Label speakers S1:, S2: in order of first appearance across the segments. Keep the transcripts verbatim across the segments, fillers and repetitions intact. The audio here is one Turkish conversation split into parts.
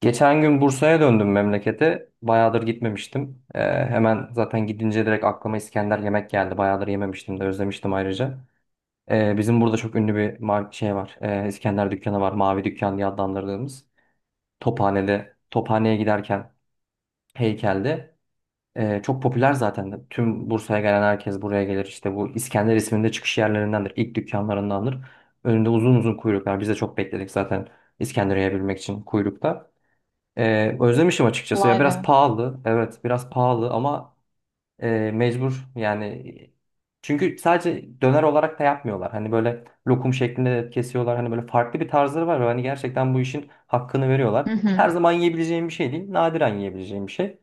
S1: Geçen gün Bursa'ya döndüm memlekete. Bayağıdır gitmemiştim. Ee, hemen zaten gidince direkt aklıma İskender yemek geldi. Bayağıdır yememiştim de özlemiştim ayrıca. Ee, bizim burada çok ünlü bir mar- şey var. Ee, İskender dükkanı var. Mavi Dükkan diye adlandırdığımız. Tophane'de, Tophane'ye giderken heykelde. Ee, çok popüler zaten. De. Tüm Bursa'ya gelen herkes buraya gelir. İşte bu İskender isminde çıkış yerlerindendir. İlk dükkanlarındandır. Önünde uzun uzun kuyruklar. Biz de çok bekledik zaten İskender yiyebilmek için kuyrukta. Ee, özlemişim açıkçası. Ya
S2: Vay
S1: biraz
S2: be.
S1: pahalı, evet, biraz pahalı ama e, mecbur yani. Çünkü sadece döner olarak da yapmıyorlar. Hani böyle lokum şeklinde de kesiyorlar. Hani böyle farklı bir tarzları var ve hani gerçekten bu işin hakkını
S2: Hı
S1: veriyorlar. Her
S2: hı.
S1: zaman yiyebileceğim bir şey değil, nadiren yiyebileceğim bir şey.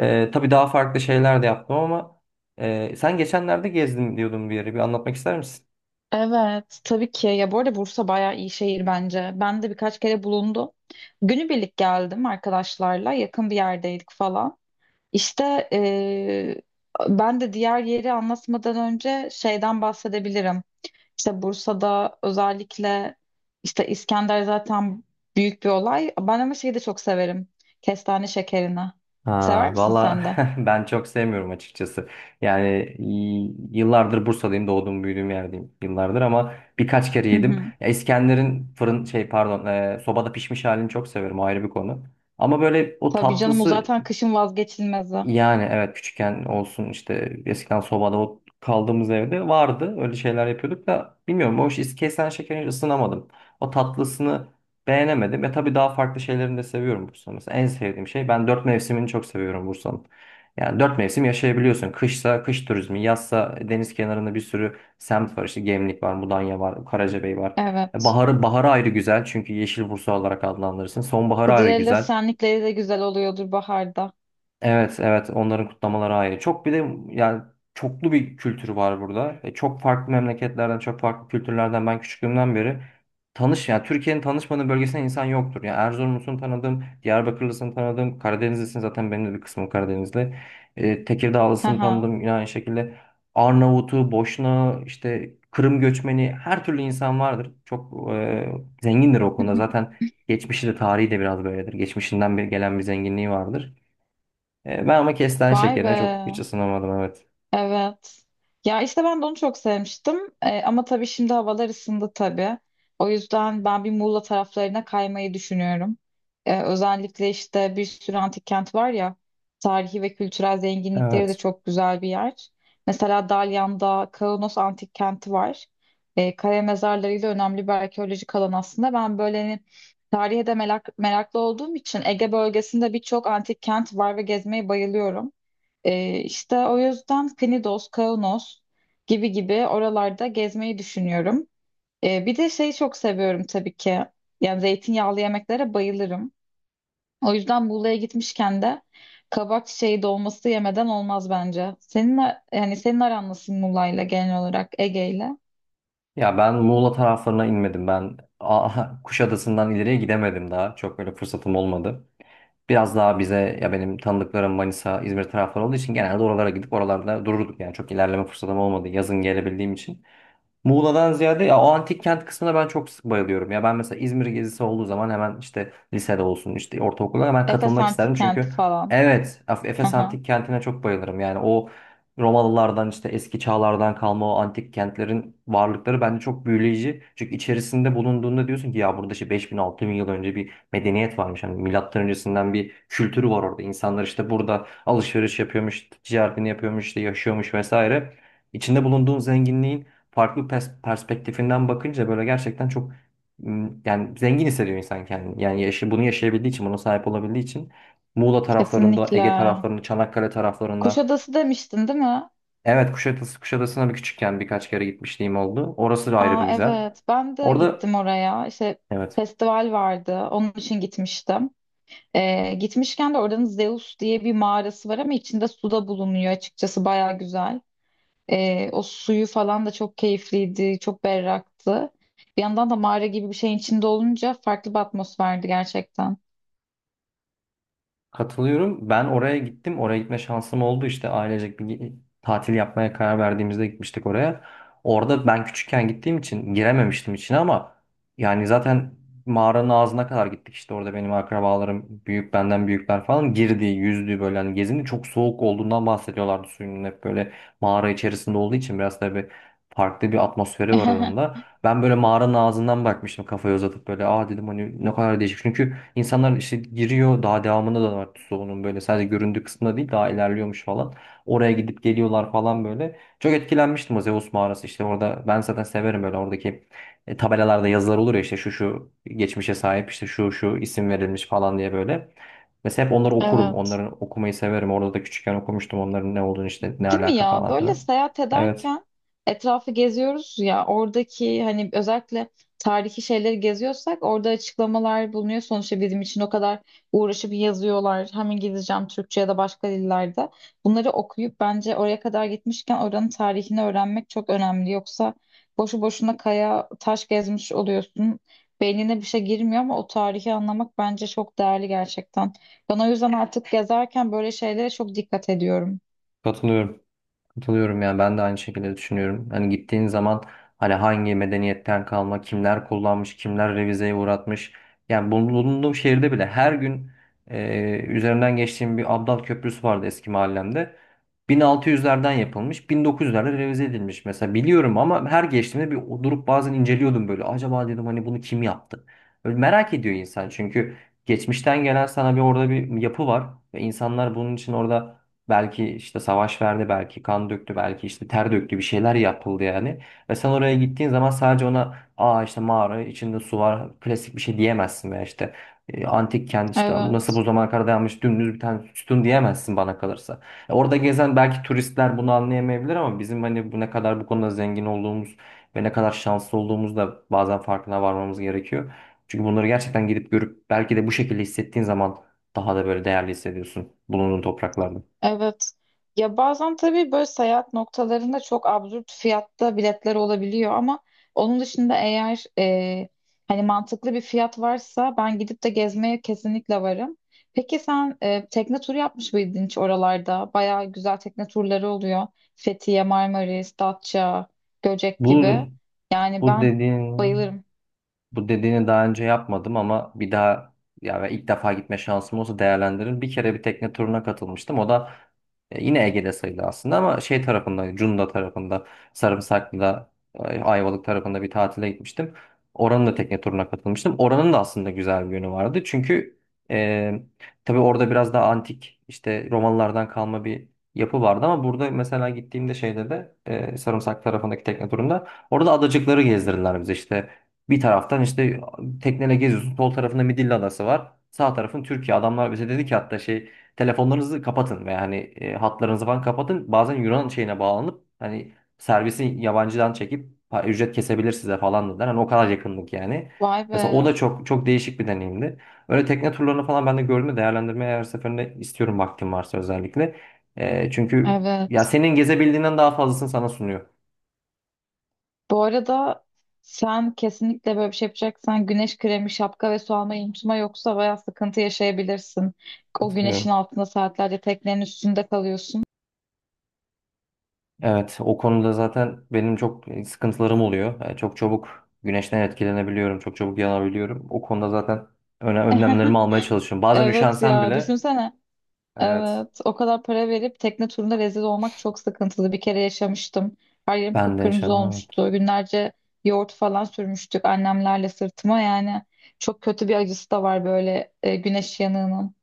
S1: Ee, tabii daha farklı şeyler de yaptım ama e, sen geçenlerde gezdim diyordun bir yere. Bir anlatmak ister misin?
S2: Evet, tabii ki. Ya bu arada Bursa bayağı iyi şehir bence. Ben de birkaç kere bulundum. Günübirlik geldim arkadaşlarla. Yakın bir yerdeydik falan. İşte eee, ben de diğer yeri anlatmadan önce şeyden bahsedebilirim. İşte Bursa'da özellikle işte İskender zaten büyük bir olay. Ben ama şeyi de çok severim. Kestane şekerini. Sever
S1: Ha,
S2: misin
S1: valla
S2: sen de?
S1: ben çok sevmiyorum açıkçası. Yani y- Yıllardır Bursa'dayım, doğdum büyüdüğüm yerdeyim yıllardır ama birkaç kere
S2: Hı
S1: yedim.
S2: hı.
S1: Ya İskender'in fırın şey pardon e, sobada pişmiş halini çok severim, o ayrı bir konu. Ama böyle o
S2: Tabii canım o
S1: tatlısı,
S2: zaten kışın vazgeçilmezi.
S1: yani evet, küçükken olsun, işte eskiden sobada o kaldığımız evde vardı. Öyle şeyler yapıyorduk da bilmiyorum, o iş kesen şekeri ısınamadım. O tatlısını beğenemedim. Ve tabii daha farklı şeylerini de seviyorum Bursa'nın. Mesela en sevdiğim şey, ben dört mevsimini çok seviyorum Bursa'nın. Yani dört mevsim yaşayabiliyorsun. Kışsa kış turizmi, yazsa deniz kenarında bir sürü semt var. İşte Gemlik var, Mudanya var, Karacabey var. E,
S2: Evet.
S1: Baharı, baharı ayrı güzel çünkü Yeşil Bursa olarak adlandırırsın. Sonbaharı ayrı
S2: Kızılderili
S1: güzel.
S2: senlikleri de güzel oluyordur baharda.
S1: Evet, evet. Onların kutlamaları ayrı. Çok bir de yani çoklu bir kültürü var burada. E, çok farklı memleketlerden, çok farklı kültürlerden ben küçüklüğümden beri tanış, yani Türkiye'nin tanışmadığı bölgesinde insan yoktur. Yani Erzurumlusunu tanıdım, Diyarbakırlısını tanıdım, Karadenizlisini, zaten benim de bir kısmım Karadenizli. E, Tekirdağlısını
S2: Haha.
S1: tanıdım yine aynı şekilde. Arnavut'u, Boşna, işte Kırım göçmeni, her türlü insan vardır. Çok e, zengindir o konuda. Zaten geçmişi de tarihi de biraz böyledir. Geçmişinden bir gelen bir zenginliği vardır. E, ben ama kestane
S2: Vay
S1: şekerine
S2: be.
S1: çok hiç ısınamadım, evet.
S2: Evet. Ya işte ben de onu çok sevmiştim. Ee, ama tabii şimdi havalar ısındı tabii. O yüzden ben bir Muğla taraflarına kaymayı düşünüyorum. Ee, özellikle işte bir sürü antik kent var ya. Tarihi ve kültürel zenginlikleri de
S1: Evet.
S2: çok güzel bir yer. Mesela Dalyan'da Kaunos Antik Kenti var. Ee, kaya mezarlarıyla önemli bir arkeolojik alan aslında. Ben böyle hani tarihe de merak, meraklı olduğum için Ege bölgesinde birçok antik kent var ve gezmeyi bayılıyorum. Ee, işte o yüzden Knidos, Kaunos gibi gibi oralarda gezmeyi düşünüyorum. Ee, bir de şeyi çok seviyorum tabii ki. Yani zeytinyağlı yemeklere bayılırım. O yüzden Muğla'ya gitmişken de kabak çiçeği dolması yemeden olmaz bence. Senin a- yani senin aran nasıl Muğla'yla genel olarak Ege'yle?
S1: Ya ben Muğla taraflarına inmedim ben. Aa, Kuşadası'ndan ileriye gidemedim daha. Çok böyle fırsatım olmadı. Biraz daha bize, ya benim tanıdıklarım Manisa, İzmir tarafları olduğu için genelde oralara gidip oralarda dururduk. Yani çok ilerleme fırsatım olmadı yazın gelebildiğim için. Muğla'dan ziyade ya o antik kent kısmına ben çok sık bayılıyorum. Ya ben mesela İzmir gezisi olduğu zaman hemen, işte lisede olsun, işte ortaokulda hemen
S2: Efes
S1: katılmak
S2: Antik
S1: isterdim.
S2: Kenti
S1: Çünkü
S2: falan.
S1: evet, Af- Efes
S2: Aha,
S1: antik kentine çok bayılırım. Yani o Romalılardan, işte eski çağlardan kalma o antik kentlerin varlıkları bence çok büyüleyici. Çünkü içerisinde bulunduğunda diyorsun ki ya burada işte 5000 bin yıl önce bir medeniyet varmış. Hani milattan öncesinden bir kültürü var orada. İnsanlar işte burada alışveriş yapıyormuş, ticaretini yapıyormuş, işte yaşıyormuş vesaire. İçinde bulunduğun zenginliğin farklı pers- perspektifinden bakınca böyle gerçekten çok m, yani zengin hissediyor insan kendini. Yani yaşı, bunu yaşayabildiği için, buna sahip olabildiği için, Muğla taraflarında,
S2: kesinlikle.
S1: Ege taraflarında, Çanakkale taraflarında.
S2: Kuşadası demiştin değil mi?
S1: Evet, Kuşadası, Kuşadası'na bir küçükken birkaç kere gitmişliğim oldu. Orası da ayrı bir
S2: Aa,
S1: güzel.
S2: evet ben de
S1: Orada
S2: gittim oraya. İşte
S1: evet.
S2: festival vardı onun için gitmiştim. Ee, gitmişken de oranın Zeus diye bir mağarası var ama içinde su da bulunuyor açıkçası baya güzel. Ee, o suyu falan da çok keyifliydi, çok berraktı. Bir yandan da mağara gibi bir şeyin içinde olunca farklı bir atmosferdi gerçekten.
S1: Katılıyorum. Ben oraya gittim. Oraya gitme şansım oldu. İşte ailecek bir ge- tatil yapmaya karar verdiğimizde gitmiştik oraya. Orada ben küçükken gittiğim için girememiştim içine ama yani zaten mağaranın ağzına kadar gittik. İşte orada benim akrabalarım, büyük benden büyükler falan girdi, yüzdü, böyle hani gezindi. Çok soğuk olduğundan bahsediyorlardı suyunun, hep böyle mağara içerisinde olduğu için biraz tabii farklı bir atmosferi var onun da. Ben böyle mağaranın ağzından bakmıştım kafayı uzatıp, böyle aa dedim, hani ne kadar değişik. Çünkü İnsanlar işte giriyor, daha devamında da var, Tuzla'nın böyle sadece göründüğü kısmında değil, daha ilerliyormuş falan. Oraya gidip geliyorlar falan böyle. Çok etkilenmiştim o Zeus mağarası, işte orada ben zaten severim böyle oradaki e, tabelalarda yazılar olur ya, işte şu şu geçmişe sahip, işte şu şu isim verilmiş falan diye böyle. Mesela hep onları okurum.
S2: Evet.
S1: Onların okumayı severim. Orada da küçükken okumuştum onların ne olduğunu, işte ne
S2: Değil mi
S1: alaka
S2: ya?
S1: falan
S2: Böyle
S1: filan.
S2: seyahat
S1: Evet,
S2: ederken etrafı geziyoruz ya oradaki hani özellikle tarihi şeyleri geziyorsak orada açıklamalar bulunuyor. Sonuçta bizim için o kadar uğraşıp yazıyorlar. Hem İngilizce hem Türkçe ya da başka dillerde. Bunları okuyup bence oraya kadar gitmişken oranın tarihini öğrenmek çok önemli. Yoksa boşu boşuna kaya taş gezmiş oluyorsun. Beynine bir şey girmiyor ama o tarihi anlamak bence çok değerli gerçekten. Ben o yüzden artık gezerken böyle şeylere çok dikkat ediyorum.
S1: katılıyorum. Katılıyorum, yani ben de aynı şekilde düşünüyorum. Hani gittiğin zaman hani hangi medeniyetten kalma, kimler kullanmış, kimler revizeye uğratmış. Yani bulunduğum şehirde bile her gün e, üzerinden geçtiğim bir Abdal Köprüsü vardı eski mahallemde. bin altı yüzlerden yapılmış, bin dokuz yüzlerde revize edilmiş mesela, biliyorum ama her geçtiğimde bir durup bazen inceliyordum böyle. Acaba dedim hani bunu kim yaptı? Böyle merak ediyor insan çünkü geçmişten gelen sana bir, orada bir yapı var ve insanlar bunun için orada belki işte savaş verdi, belki kan döktü, belki işte ter döktü, bir şeyler yapıldı yani. Ve sen oraya gittiğin zaman sadece ona aa işte mağara içinde su var klasik bir şey diyemezsin, veya işte e, antik kent işte nasıl
S2: Evet.
S1: bu zamana kadar dayanmış dümdüz bir tane sütun diyemezsin bana kalırsa. E, Orada gezen belki turistler bunu anlayamayabilir ama bizim hani bu ne kadar bu konuda zengin olduğumuz ve ne kadar şanslı olduğumuz da bazen farkına varmamız gerekiyor. Çünkü bunları gerçekten gidip görüp belki de bu şekilde hissettiğin zaman daha da böyle değerli hissediyorsun bulunduğun topraklarda.
S2: Evet. Ya bazen tabii böyle seyahat noktalarında çok absürt fiyatta biletler olabiliyor ama onun dışında eğer e, hani mantıklı bir fiyat varsa ben gidip de gezmeye kesinlikle varım. Peki sen e, tekne turu yapmış mıydın hiç oralarda? Bayağı güzel tekne turları oluyor. Fethiye, Marmaris, Datça, Göcek
S1: Bu
S2: gibi. Yani
S1: bu
S2: ben
S1: dediğin
S2: bayılırım.
S1: bu dediğini daha önce yapmadım ama bir daha, ya ve ilk defa gitme şansım olsa değerlendiririm. Bir kere bir tekne turuna katılmıştım. O da e, yine Ege'de sayılır aslında ama şey tarafında, Cunda tarafında, Sarımsaklı'da, e, Ayvalık tarafında bir tatile gitmiştim. Oranın da tekne turuna katılmıştım. Oranın da aslında güzel bir yönü vardı. Çünkü e, tabii orada biraz daha antik, işte Romalılardan kalma bir yapı vardı, ama burada mesela gittiğimde şeyde de e, Sarımsak tarafındaki tekne turunda orada adacıkları gezdirdiler bize işte. Bir taraftan işte tekneyle geziyorsun. Sol tarafında Midilli Adası var. Sağ tarafın Türkiye. Adamlar bize dedi ki hatta şey, telefonlarınızı kapatın veya hani e, hatlarınızı falan kapatın. Bazen Yunan şeyine bağlanıp hani servisi yabancıdan çekip pa- ücret kesebilir size falan dediler. Hani o kadar yakınlık yani.
S2: Vay
S1: Mesela o
S2: be.
S1: da çok çok değişik bir deneyimdi. Öyle tekne turlarını falan ben de gördüm, değerlendirmeye her seferinde istiyorum vaktim varsa özellikle. E, çünkü ya
S2: Evet.
S1: senin gezebildiğinden daha fazlasını sana sunuyor.
S2: Bu arada sen kesinlikle böyle bir şey yapacaksan güneş kremi, şapka ve su almayı unutma yoksa bayağı sıkıntı yaşayabilirsin. O güneşin
S1: Katılıyorum.
S2: altında saatlerce teknenin üstünde kalıyorsun.
S1: Evet, o konuda zaten benim çok sıkıntılarım oluyor. Yani çok çabuk güneşten etkilenebiliyorum, çok çabuk yanabiliyorum. O konuda zaten öne, önlemlerimi almaya çalışıyorum. Bazen
S2: Evet
S1: üşensem
S2: ya
S1: bile,
S2: düşünsene.
S1: evet,
S2: Evet, o kadar para verip tekne turunda rezil olmak çok sıkıntılı. Bir kere yaşamıştım. Her yerim
S1: ben de
S2: kıpkırmızı
S1: yaşadım, evet.
S2: olmuştu. Günlerce yoğurt falan sürmüştük annemlerle sırtıma yani. Çok kötü bir acısı da var böyle e, güneş yanığının.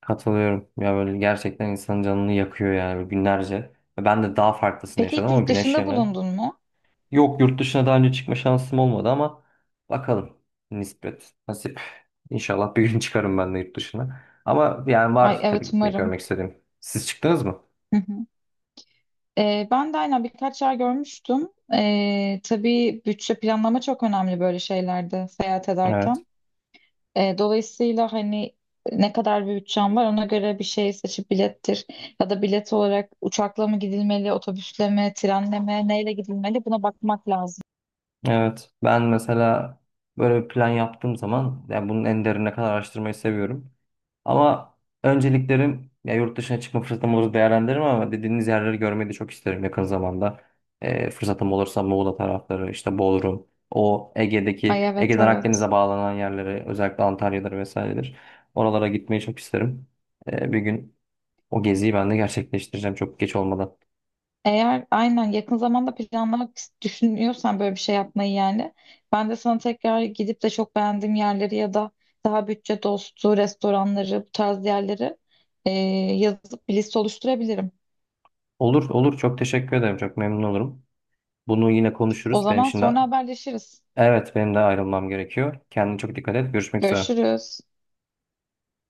S1: Katılıyorum. Ya böyle gerçekten insanın canını yakıyor yani günlerce. Ve ben de daha farklısını
S2: Peki
S1: yaşadım
S2: hiç
S1: ama
S2: yurt
S1: güneş
S2: dışında
S1: yanı.
S2: bulundun mu?
S1: Yok, yurt dışına daha önce çıkma şansım olmadı ama bakalım. Nispet, nasip. İnşallah bir gün çıkarım ben de yurt dışına. Ama yani
S2: Ay
S1: var tabii
S2: evet
S1: gitmek,
S2: umarım.
S1: görmek istediğim. Siz çıktınız mı?
S2: Hı hı. Ee, ben de aynen birkaç yer görmüştüm. Ee, tabii bütçe planlama çok önemli böyle şeylerde seyahat
S1: Evet.
S2: ederken. Ee, dolayısıyla hani ne kadar bir bütçem var ona göre bir şey seçip bilettir. Ya da bilet olarak uçakla mı gidilmeli, otobüsle mi, trenle mi, neyle gidilmeli buna bakmak lazım.
S1: Evet, ben mesela böyle bir plan yaptığım zaman yani bunun en derine kadar araştırmayı seviyorum. Ama önceliklerim, ya yurt dışına çıkma fırsatım olursa değerlendiririm ama dediğiniz yerleri görmeyi de çok isterim yakın zamanda. Ee, fırsatım olursa Muğla tarafları, işte Bodrum, o Ege'deki,
S2: Ay evet
S1: Ege'den
S2: evet.
S1: Akdeniz'e bağlanan yerleri, özellikle Antalya'dır vesairedir. Oralara gitmeyi çok isterim. Ee, bir gün o geziyi ben de gerçekleştireceğim çok geç olmadan.
S2: Eğer aynen yakın zamanda planlamak is- düşünüyorsan böyle bir şey yapmayı, yani ben de sana tekrar gidip de çok beğendiğim yerleri ya da daha bütçe dostu restoranları bu tarz yerleri e, yazıp bir liste oluşturabilirim.
S1: Olur, olur. Çok teşekkür ederim. Çok memnun olurum. Bunu yine
S2: O
S1: konuşuruz. Benim
S2: zaman
S1: şimdi
S2: sonra haberleşiriz.
S1: evet, benim de ayrılmam gerekiyor. Kendine çok dikkat et. Görüşmek üzere.
S2: Görüşürüz.